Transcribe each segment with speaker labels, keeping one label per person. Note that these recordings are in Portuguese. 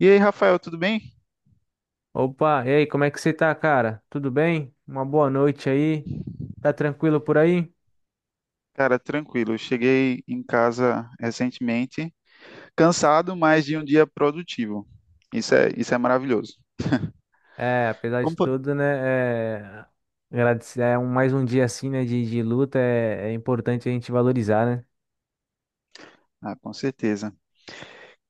Speaker 1: E aí, Rafael, tudo bem?
Speaker 2: Opa, e aí, como é que você tá, cara? Tudo bem? Uma boa noite aí. Tá tranquilo por aí?
Speaker 1: Cara, tranquilo. Eu cheguei em casa recentemente, cansado, mas de um dia produtivo. Isso é maravilhoso.
Speaker 2: É, apesar de
Speaker 1: Como foi?
Speaker 2: tudo, né? É, agradecer, mais um dia assim, né? De luta, é importante a gente valorizar, né?
Speaker 1: Ah, com certeza.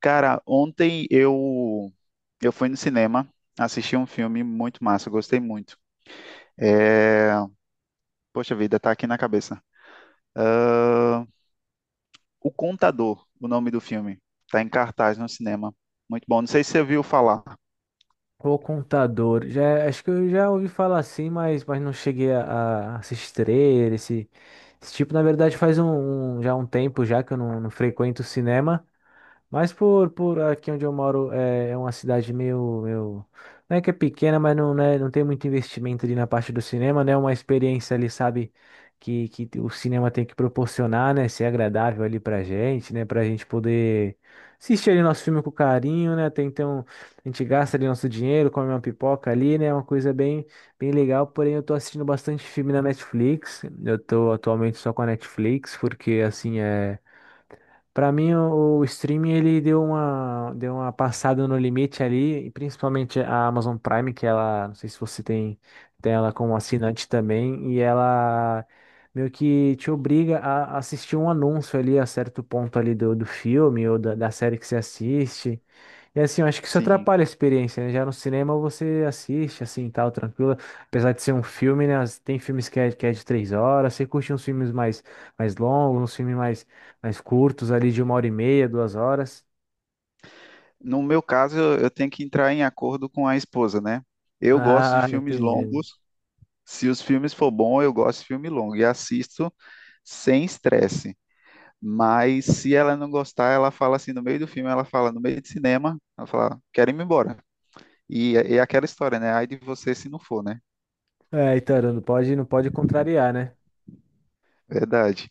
Speaker 1: Cara, ontem eu fui no cinema, assisti um filme muito massa, gostei muito. É... Poxa vida, tá aqui na cabeça. Ah, O Contador, o nome do filme. Tá em cartaz no cinema. Muito bom. Não sei se você viu falar.
Speaker 2: O Contador, já, acho que eu já ouvi falar assim, mas não cheguei a assistir ele, esse tipo, na verdade, já um tempo já que eu não frequento o cinema. Mas por aqui onde eu moro é uma cidade meio, meio. Não é que é pequena, mas não, né, não tem muito investimento ali na parte do cinema, né? É uma experiência ali, sabe, que o cinema tem que proporcionar, né? Ser agradável ali pra gente, né? Pra gente poder assistir ali nosso filme com carinho, né? Até então, a gente gasta ali nosso dinheiro, come uma pipoca ali, né? É uma coisa bem, bem legal. Porém, eu tô assistindo bastante filme na Netflix. Eu tô atualmente só com a Netflix, porque assim é. Para mim, o streaming ele deu uma passada no limite ali, e principalmente a Amazon Prime, que ela, não sei se você tem, tem ela como assinante também, e ela meio que te obriga a assistir um anúncio ali a certo ponto ali do filme ou da série que você assiste. E assim, eu acho que isso
Speaker 1: Sim.
Speaker 2: atrapalha a experiência, né? Já no cinema você assiste, assim, tal, tranquilo. Apesar de ser um filme, né? Tem filmes que é de 3 horas. Você curte uns filmes mais longos, uns filmes mais curtos, ali de uma hora e meia, 2 horas.
Speaker 1: No meu caso, eu tenho que entrar em acordo com a esposa, né? Eu gosto de
Speaker 2: Ah,
Speaker 1: filmes
Speaker 2: entendi.
Speaker 1: longos. Se os filmes for bom, eu gosto de filme longo e assisto sem estresse. Mas se ela não gostar, ela fala assim no meio do filme, ela fala no meio de cinema, ela fala, quero ir embora. E é aquela história, né? Ai de você se não for, né?
Speaker 2: É, então, não pode, não pode contrariar, né?
Speaker 1: Verdade.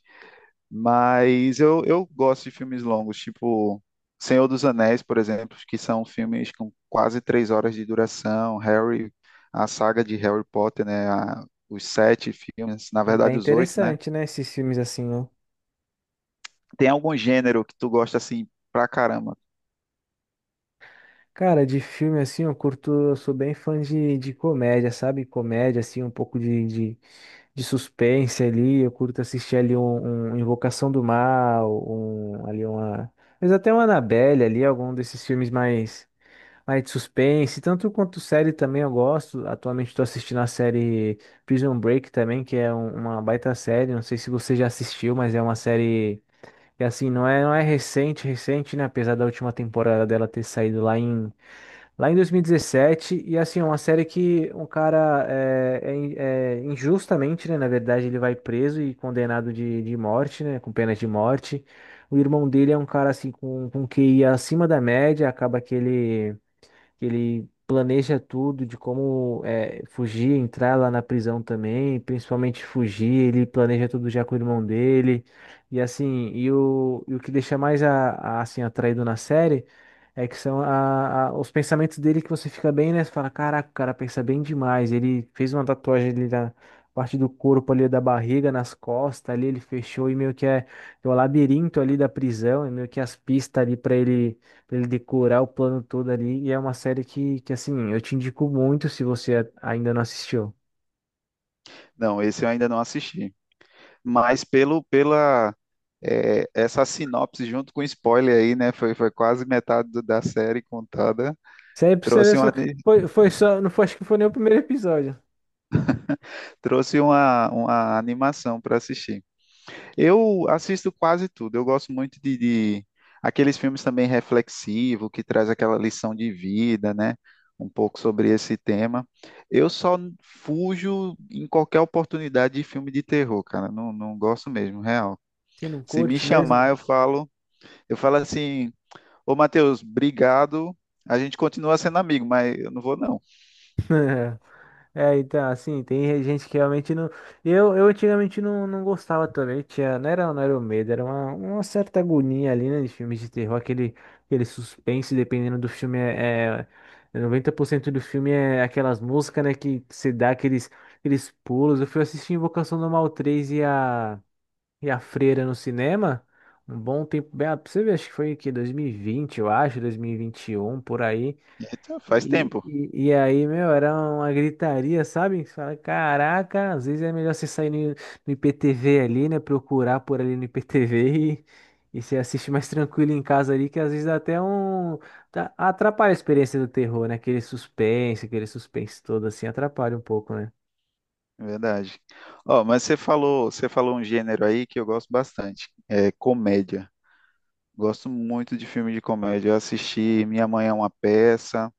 Speaker 1: Mas eu gosto de filmes longos, tipo Senhor dos Anéis, por exemplo, que são filmes com quase três horas de duração. A saga de Harry Potter, né? Os sete filmes, na
Speaker 2: É bem
Speaker 1: verdade os oito, né?
Speaker 2: interessante, né? Esses filmes assim, né?
Speaker 1: Tem algum gênero que tu gosta assim pra caramba?
Speaker 2: Cara, de filme assim, eu curto, eu sou bem fã de comédia, sabe? Comédia, assim, um pouco de suspense ali, eu curto assistir ali um Invocação do Mal, mas até uma Annabelle ali, algum desses filmes mais de suspense, tanto quanto série também eu gosto. Atualmente estou assistindo a série Prison Break também, que é uma baita série, não sei se você já assistiu, mas é uma série que assim, não é recente, recente, né, apesar da última temporada dela ter saído lá em 2017. E 17. E assim, é uma série que um cara é injustamente, né? Na verdade, ele vai preso e condenado de morte, né? Com pena de morte. O irmão dele é um cara assim com QI acima da média, acaba que ele planeja tudo de como é, fugir, entrar lá na prisão também, principalmente fugir, ele planeja tudo já com o irmão dele. E assim, e o que deixa mais atraído na série é que são os pensamentos dele que você fica bem, né? Você fala, caraca, o cara pensa bem demais. Ele fez uma tatuagem ali na parte do corpo ali da barriga, nas costas ali, ele fechou e meio que é o labirinto ali da prisão, e meio que as pistas ali para ele pra ele decorar o plano todo ali. E é uma série que assim, eu te indico muito se você ainda não assistiu.
Speaker 1: Não, esse eu ainda não assisti. Mas pelo pela é, essa sinopse junto com spoiler aí, né? Foi quase metade da série contada.
Speaker 2: Isso aí pra você ver,
Speaker 1: Trouxe
Speaker 2: só-
Speaker 1: uma, ani-
Speaker 2: foi, foi só, não foi, acho que foi nem o primeiro episódio.
Speaker 1: Trouxe uma animação para assistir. Eu assisto quase tudo. Eu gosto muito de aqueles filmes também reflexivos, que traz aquela lição de vida, né? Um pouco sobre esse tema. Eu só fujo em qualquer oportunidade de filme de terror, cara. Não, não gosto mesmo, real.
Speaker 2: Você não
Speaker 1: Se me
Speaker 2: curte
Speaker 1: chamar,
Speaker 2: mesmo?
Speaker 1: eu falo assim, ô Matheus, obrigado. A gente continua sendo amigo, mas eu não vou não.
Speaker 2: É, então, assim, tem gente que realmente não. Eu antigamente não gostava também, tinha, não era o medo, era uma certa agonia ali, né, de filmes de terror, aquele suspense, dependendo do filme, é 90% do filme é aquelas músicas, né, que você dá aqueles pulos. Eu fui assistir Invocação do Mal 3 e a Freira no cinema, um bom tempo, bem, pra você ver, acho que foi que 2020 eu acho, dois mil e vinte e um por aí.
Speaker 1: Eita, faz
Speaker 2: E,
Speaker 1: tempo,
Speaker 2: e, e aí, meu, era uma gritaria, sabe? Você fala, caraca, às vezes é melhor você sair no IPTV ali, né? Procurar por ali no IPTV e você assiste mais tranquilo em casa ali, que às vezes dá até um. Atrapalha a experiência do terror, né? Aquele suspense todo assim, atrapalha um pouco, né?
Speaker 1: é verdade. Ó, mas você falou um gênero aí que eu gosto bastante, é comédia. Gosto muito de filme de comédia. Eu assisti Minha Mãe é uma Peça.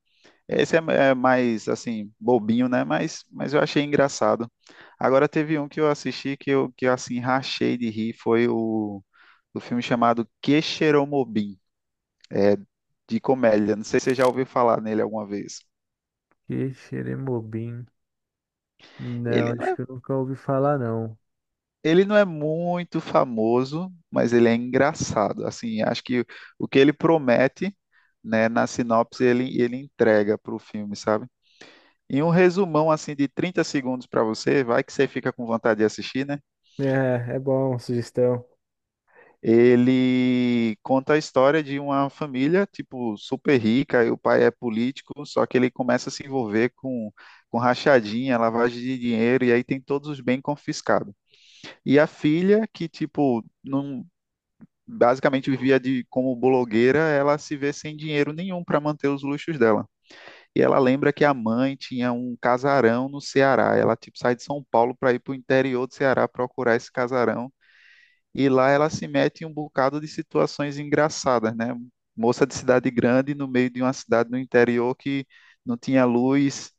Speaker 1: Esse é mais, assim, bobinho, né? Mas eu achei engraçado. Agora teve um que eu assisti que eu assim, rachei de rir. Foi o filme chamado Que É de comédia. Não sei se você já ouviu falar nele alguma vez.
Speaker 2: Que xeremobim. Não,
Speaker 1: Ele não
Speaker 2: acho
Speaker 1: é,
Speaker 2: que eu nunca ouvi falar, não.
Speaker 1: ele não é muito famoso, mas ele é engraçado. Assim, acho que o que ele promete, né, na sinopse, ele entrega para o filme, sabe? Em um resumão assim de 30 segundos para você, vai que você fica com vontade de assistir, né?
Speaker 2: É, é bom, sugestão.
Speaker 1: Ele conta a história de uma família, tipo, super rica, e o pai é político, só que ele começa a se envolver com rachadinha, lavagem de dinheiro, e aí tem todos os bens confiscados. E a filha, que, tipo, não, basicamente vivia de, como blogueira, ela se vê sem dinheiro nenhum para manter os luxos dela. E ela lembra que a mãe tinha um casarão no Ceará. Ela tipo sai de São Paulo para ir para o interior do Ceará procurar esse casarão. E lá ela se mete em um bocado de situações engraçadas, né? Moça de cidade grande no meio de uma cidade no interior que não tinha luz,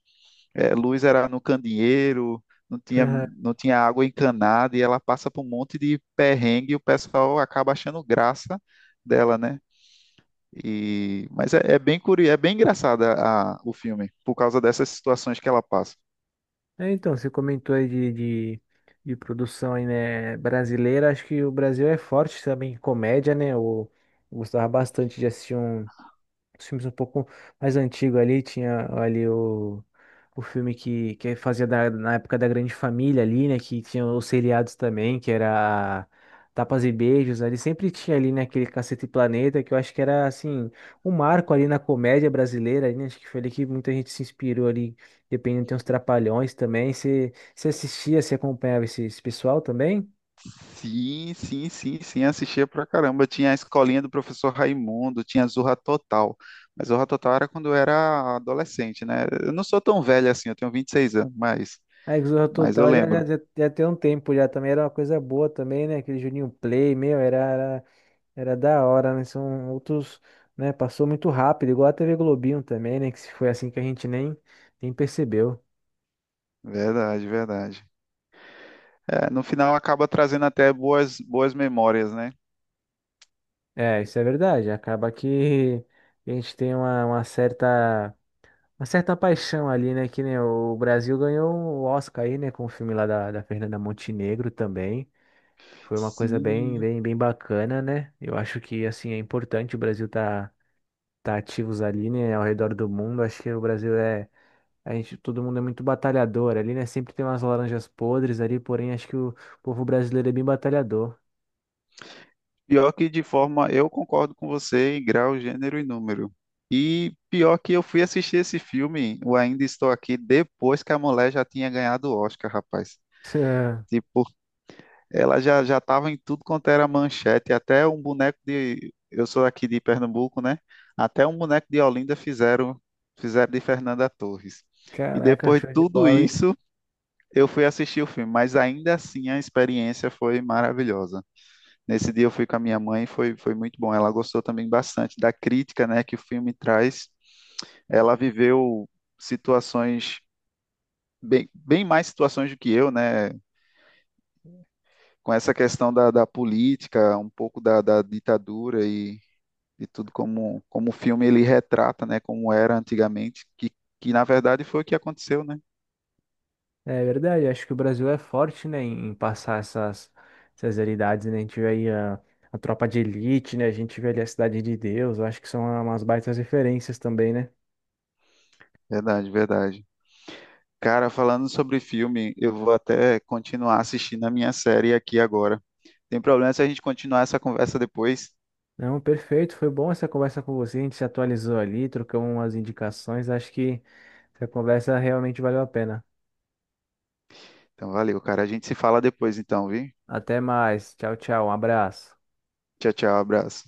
Speaker 1: luz era no candeeiro, não tinha, não tinha água encanada, e ela passa por um monte de perrengue e o pessoal acaba achando graça dela, né? E, mas é, é bem curioso, é bem engraçada o filme, por causa dessas situações que ela passa.
Speaker 2: É, então, você comentou aí de produção aí, né, brasileira. Acho que o Brasil é forte também em comédia, né? Eu gostava bastante de assistir os filmes um pouco mais antigos ali, tinha ali o filme que fazia na época da Grande Família ali, né? Que tinha os seriados também, que era Tapas e Beijos, ali sempre tinha ali, né, aquele Cacete Planeta, que eu acho que era assim, um marco ali na comédia brasileira, ali, né? Acho que foi ali que muita gente se inspirou ali, dependendo, tem uns Trapalhões também. Você assistia, você acompanhava esse pessoal também?
Speaker 1: Sim, assistia pra caramba. Tinha a escolinha do professor Raimundo, tinha Zorra Total. Mas Zorra Total era quando eu era adolescente, né? Eu não sou tão velho assim, eu tenho 26 anos,
Speaker 2: A Exorra
Speaker 1: mas eu
Speaker 2: Total já, já,
Speaker 1: lembro.
Speaker 2: já, já tem um tempo já também, era uma coisa boa também, né? Aquele Juninho Play, meu, era. Era da hora, né? São outros, né? Passou muito rápido, igual a TV Globinho também, né? Que se foi assim que a gente nem percebeu.
Speaker 1: Verdade, verdade. É, no final acaba trazendo até boas, boas memórias, né?
Speaker 2: É, isso é verdade. Acaba que a gente tem uma certa paixão ali, né? Que nem o Brasil ganhou o Oscar aí, né? Com o filme lá da Fernanda Montenegro também. Foi uma coisa bem,
Speaker 1: Sim.
Speaker 2: bem, bem bacana, né? Eu acho que, assim, é importante o Brasil tá ativos ali, né? Ao redor do mundo. Acho que o Brasil é. A gente, todo mundo é muito batalhador ali, né? Sempre tem umas laranjas podres ali, porém acho que o povo brasileiro é bem batalhador.
Speaker 1: Pior que de forma, eu concordo com você em grau, gênero e número. E pior que eu fui assistir esse filme, o Ainda Estou Aqui, depois que a mulher já tinha ganhado o Oscar, rapaz. Tipo, ela já estava em tudo quanto era manchete, até um boneco de, eu sou aqui de Pernambuco, né? Até um boneco de Olinda fizeram, fizeram de Fernanda Torres. E
Speaker 2: Caraca,
Speaker 1: depois de
Speaker 2: show de
Speaker 1: tudo
Speaker 2: bola, hein?
Speaker 1: isso, eu fui assistir o filme, mas ainda assim a experiência foi maravilhosa. Nesse dia eu fui com a minha mãe, foi muito bom. Ela gostou também bastante da crítica, né, que o filme traz. Ela viveu situações bem, bem mais situações do que eu, né? Com essa questão da política, um pouco da ditadura e tudo como, como o filme ele retrata, né? Como era antigamente, que na verdade foi o que aconteceu, né?
Speaker 2: É verdade, acho que o Brasil é forte, né, em passar essas realidades, né? A gente vê aí a tropa de elite, né? A gente vê ali a Cidade de Deus, eu acho que são umas baitas referências também, né?
Speaker 1: Verdade, verdade. Cara, falando sobre filme, eu vou até continuar assistindo a minha série aqui agora. Tem problema se a gente continuar essa conversa depois?
Speaker 2: Não, perfeito, foi bom essa conversa com você, a gente se atualizou ali, trocamos umas indicações, acho que essa conversa realmente valeu a pena.
Speaker 1: Então, valeu, cara. A gente se fala depois, então, viu?
Speaker 2: Até mais, tchau, tchau, um abraço.
Speaker 1: Tchau, tchau, abraço.